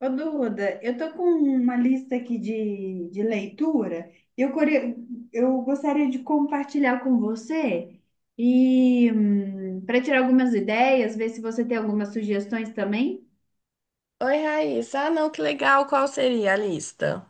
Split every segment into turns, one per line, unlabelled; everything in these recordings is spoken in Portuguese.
Ô, Duda, eu tô com uma lista aqui de leitura. Eu, core- eu gostaria de compartilhar com você e para tirar algumas ideias, ver se você tem algumas sugestões também.
Oi, Raíssa. Ah, não, que legal. Qual seria a lista?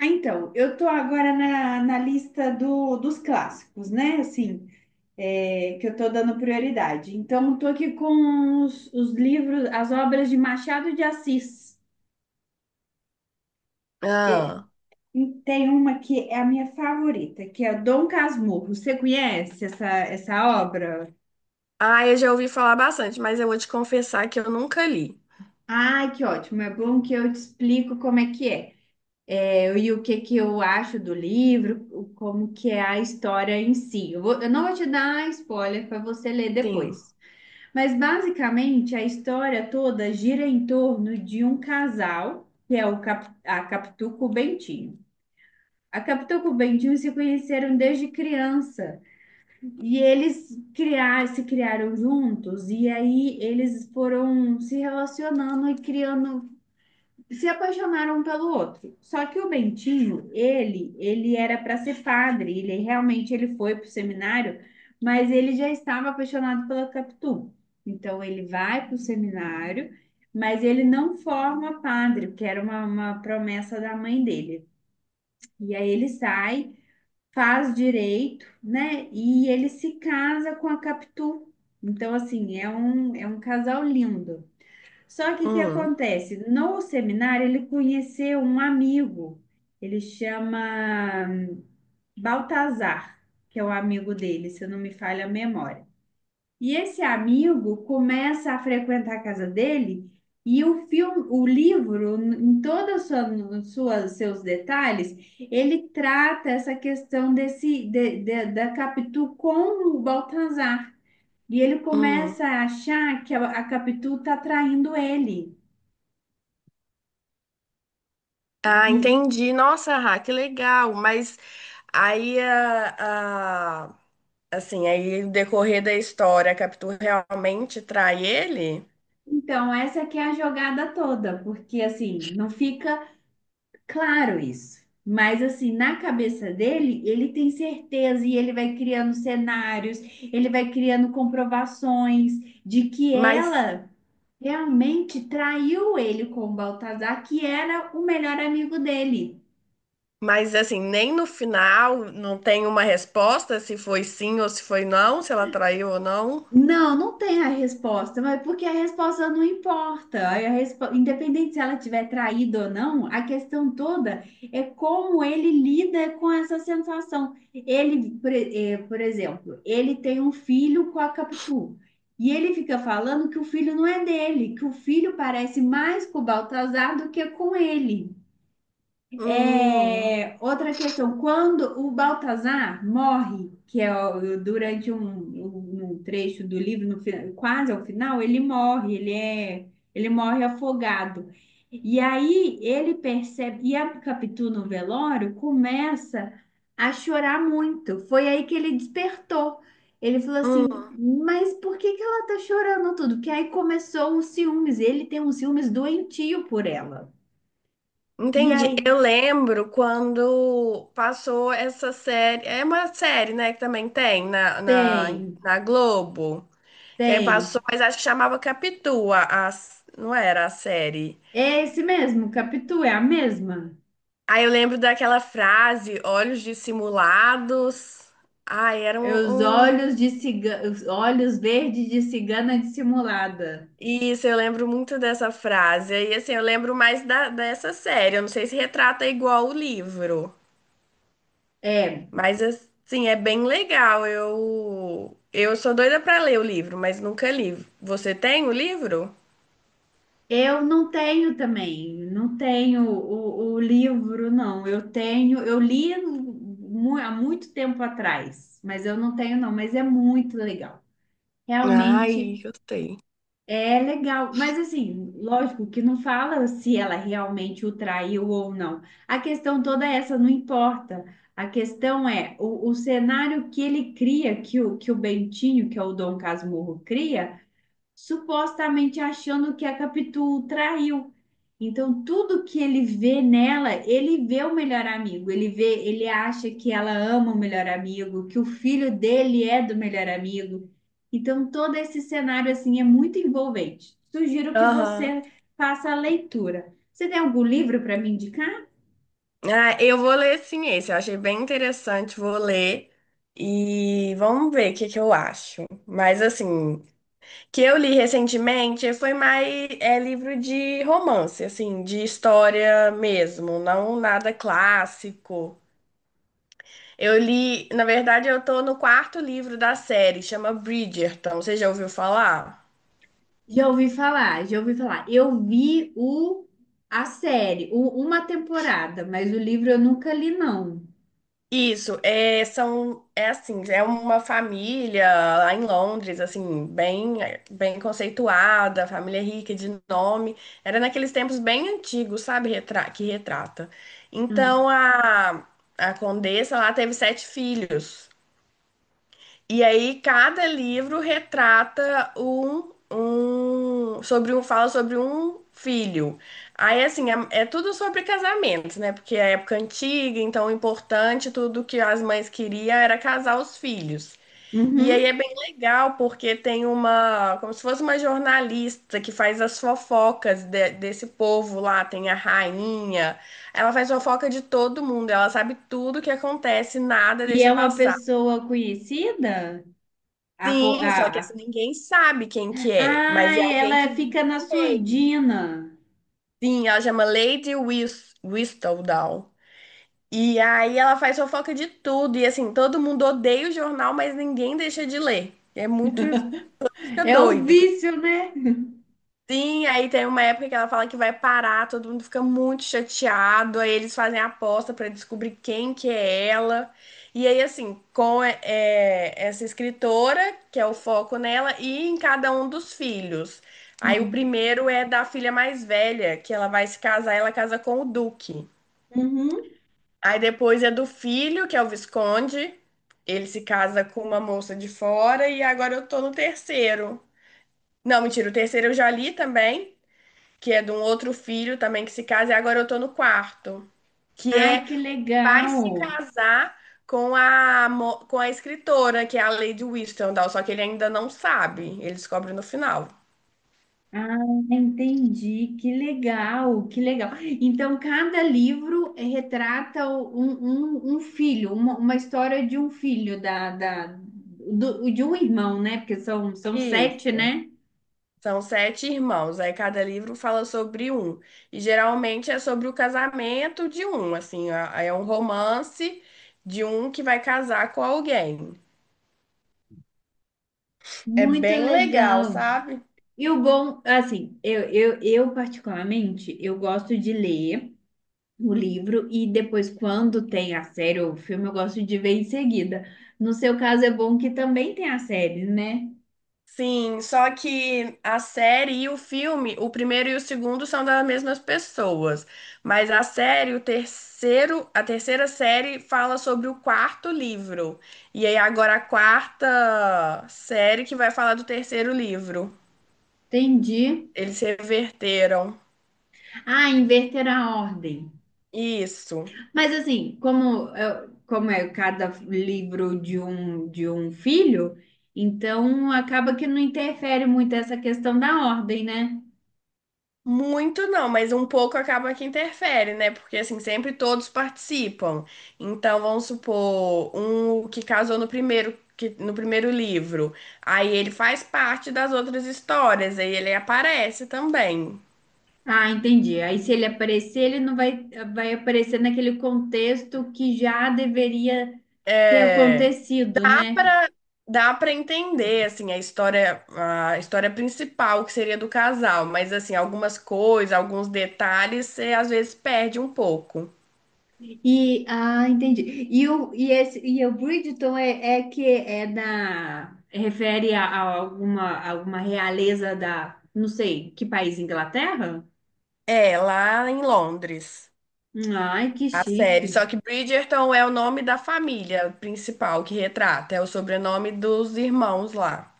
Então, eu tô agora na lista dos clássicos, né? Assim, é, que eu tô dando prioridade. Então, tô aqui com os livros, as obras de Machado de Assis.
Ah,
E tem uma que é a minha favorita, que é Dom Casmurro. Você conhece essa obra?
eu já ouvi falar bastante, mas eu vou te confessar que eu nunca li.
Ai, que ótimo! É bom que eu te explico como é que é. É, e o que que eu acho do livro, como que é a história em si. Eu não vou te dar spoiler para você ler
Sim.
depois. Mas basicamente a história toda gira em torno de um casal, que é o a Capitu com o Bentinho. A Capitu com o Bentinho se conheceram desde criança. E se criaram juntos, e aí eles foram se relacionando e criando, se apaixonaram um pelo outro. Só que o Bentinho, ele era para ser padre, ele realmente ele foi para o seminário, mas ele já estava apaixonado pela Capitu. Então ele vai para o seminário, mas ele não forma padre, porque era uma promessa da mãe dele. E aí ele sai faz direito, né? E ele se casa com a Capitu. Então, assim, é um casal lindo. Só que o que
Hum,
acontece? No seminário, ele conheceu um amigo, ele chama Baltazar, que é o amigo dele, se não me falha a memória. E esse amigo começa a frequentar a casa dele e o filme, o livro, em todos os seus detalhes, ele trata essa questão da Capitu com o Baltazar. E ele
hum.
começa a achar que a Capitu está traindo ele.
Ah,
E,
entendi. Nossa, Rá, que legal. Mas aí, a, a- assim, aí o decorrer da história, a Capitu realmente trai ele?
então, essa que é a jogada toda, porque assim, não fica claro isso. Mas assim, na cabeça dele, ele tem certeza e ele vai criando cenários, ele vai criando comprovações de que
Mas,
ela realmente traiu ele com o Baltazar, que era o melhor amigo dele.
mas, assim, nem no final não tem uma resposta se foi sim ou se foi não, se ela traiu ou não?
Não, não tem a resposta, mas porque a resposta não importa. Independente se ela tiver traído ou não, a questão toda é como ele lida com essa sensação. Por exemplo, ele tem um filho com a Capitu. E ele fica falando que o filho não é dele, que o filho parece mais com o Baltazar do que com ele.
Hum.
É, outra questão, quando o Baltazar morre, que é durante um trecho do livro, no fi- quase ao final, ele morre, ele morre afogado. E aí ele percebe, e a Capitu no velório começa a chorar muito. Foi aí que ele despertou. Ele falou
Hum.
assim, mas por que que ela tá chorando tudo? Porque aí começou os ciúmes, ele tem uns ciúmes doentio por ela. E aí
Entendi. Eu lembro quando passou essa série. É uma série, né? Que também tem na, na,
tem.
na Globo. Que aí passou,
Tem.
mas acho que chamava Capitu, não era a série.
É esse mesmo, Capitu, é a mesma.
Aí eu lembro daquela frase, olhos dissimulados. Ai, era
É os olhos de cigana, os olhos verdes de cigana dissimulada.
isso, eu lembro muito dessa frase. E assim, eu lembro mais da, dessa série. Eu não sei se retrata igual o livro.
É,
Mas assim, é bem legal. Eu sou doida pra ler o livro, mas nunca li. Você tem o livro?
eu não tenho também, não tenho o livro, não. Eu tenho, eu li há muito tempo atrás, mas eu não tenho, não, mas é muito legal.
Ai,
Realmente
eu tenho.
é legal, mas assim, lógico que não fala se ela realmente o traiu ou não. A questão toda é essa não importa. A questão é o cenário que ele cria, que o Bentinho, que é o Dom Casmurro, cria supostamente achando que a Capitu traiu. Então, tudo que ele vê nela, ele vê o melhor amigo, ele vê, ele acha que ela ama o melhor amigo, que o filho dele é do melhor amigo. Então, todo esse cenário assim é muito envolvente. Sugiro que
Aham.
você faça a leitura. Você tem algum livro para me indicar?
Ah, eu vou ler sim esse. Eu achei bem interessante, vou ler. E vamos ver o que que eu acho. Mas assim, que eu li recentemente foi mais é livro de romance, assim, de história mesmo, não nada clássico. Eu li, na verdade, eu tô no quarto livro da série, chama Bridgerton. Você já ouviu falar?
Já ouvi falar, já ouvi falar. Eu vi o a série, uma temporada, mas o livro eu nunca li, não.
Isso, é, são, é assim, é uma família lá em Londres, assim, bem, bem conceituada, família rica de nome. Era naqueles tempos bem antigos, sabe, que retrata.
Hum.
Então a condessa lá teve 7 filhos. E aí cada livro retrata um, um sobre um fala sobre um filho. Aí assim, é, é tudo sobre casamentos, né? Porque é época antiga, então o importante, tudo que as mães queriam era casar os filhos. E aí é
Uhum.
bem legal porque tem uma, como se fosse uma jornalista que faz as fofocas desse povo lá, tem a rainha. Ela faz fofoca de todo mundo, ela sabe tudo que acontece, nada
E
deixa
é uma
passar.
pessoa conhecida? A, fo-
Sim, só que
a,
assim, ninguém sabe quem que é,
ah,
mas é alguém
ela
que vive
fica na
no meio.
surdina.
Sim, ela chama Lady Whistledown. E aí ela faz fofoca de tudo, e assim, todo mundo odeia o jornal, mas ninguém deixa de ler. É muito, fica
É um
doido.
vício, né?
Sim, aí tem uma época que ela fala que vai parar, todo mundo fica muito chateado, aí eles fazem a aposta pra descobrir quem que é ela. E aí, assim, essa escritora, que é o foco nela, e em cada um dos filhos. Aí o
Hum.
primeiro é da filha mais velha, que ela vai se casar, ela casa com o Duque.
Uhum.
Aí depois é do filho, que é o Visconde, ele se casa com uma moça de fora, e agora eu tô no terceiro. Não, mentira, o terceiro eu já li também, que é de um outro filho também que se casa, e agora eu tô no quarto, que
Ai,
é
que
vai
legal.
se casar com com a escritora, que é a Lady Whistledown, só que ele ainda não sabe, ele descobre no final.
Ah, entendi. Que legal, que legal. Então, cada livro retrata um filho, uma história de um filho, de um irmão, né? Porque são, são 7,
Isso.
né?
São 7 irmãos, aí cada livro fala sobre um. E geralmente é sobre o casamento de um, assim, é um romance de um que vai casar com alguém. É
Muito
bem legal,
legal.
sabe?
E o bom, assim, eu particularmente, eu gosto de ler o livro e depois, quando tem a série ou o filme, eu gosto de ver em seguida. No seu caso, é bom que também tem a série, né?
Sim, só que a série e o filme, o primeiro e o segundo são das mesmas pessoas, mas a série, o terceiro, a terceira série fala sobre o quarto livro. E aí agora a quarta série que vai falar do terceiro livro.
Entendi.
Eles reverteram.
Ah, inverter a ordem.
Isso.
Mas assim, como é cada livro de um filho, então acaba que não interfere muito essa questão da ordem, né?
Muito não, mas um pouco acaba que interfere, né? Porque assim, sempre todos participam. Então, vamos supor, um que casou no primeiro, que, no primeiro livro. Aí ele faz parte das outras histórias, aí ele aparece também.
Ah, entendi. Aí se ele aparecer, ele não vai, vai aparecer naquele contexto que já deveria ter
É,
acontecido,
dá
né?
pra, dá para entender assim a história principal que seria do casal, mas assim, algumas coisas, alguns detalhes, você às vezes perde um pouco.
Entendi. E o Bridgerton é, é que é da refere a alguma alguma realeza da, não sei, que país, Inglaterra?
É, lá em Londres.
Ai, que
A
chique.
série. Só que Bridgerton é o nome da família principal que retrata, é o sobrenome dos irmãos lá.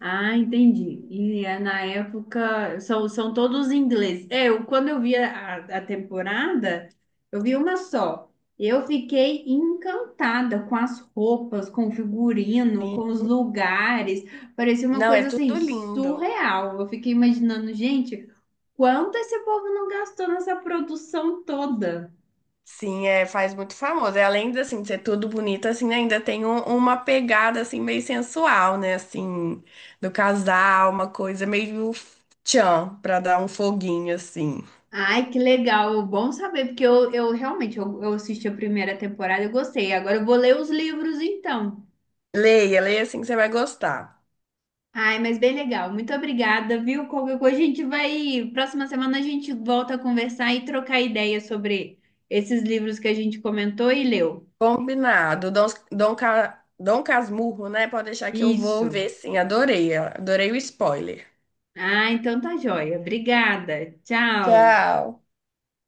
Ah, entendi. E é, na época são, são todos ingleses. É, eu, quando eu vi a temporada, eu vi uma só. Eu fiquei encantada com as roupas, com o figurino,
Sim.
com os lugares. Parecia uma
Não, é
coisa assim
tudo lindo.
surreal. Eu fiquei imaginando, gente, quanto esse povo não gastou nessa produção toda.
Sim, é, faz muito famoso. E além de, assim, de ser tudo bonito, assim, ainda tem uma pegada, assim, meio sensual, né? Assim, do casal, uma coisa meio tchan, pra dar um foguinho, assim.
Ai, que legal, bom saber, porque eu realmente eu assisti a primeira temporada e gostei. Agora eu vou ler os livros então.
Leia, leia, assim, que você vai gostar.
Ai, mas bem legal. Muito obrigada, viu? Qualquer coisa a gente vai. Próxima semana a gente volta a conversar e trocar ideias sobre esses livros que a gente comentou e leu.
Combinado. Dom Casmurro, né? Pode deixar que eu vou
Isso.
ver, sim. Adorei, adorei o spoiler.
Ah, então tá joia. Obrigada. Tchau.
Tchau.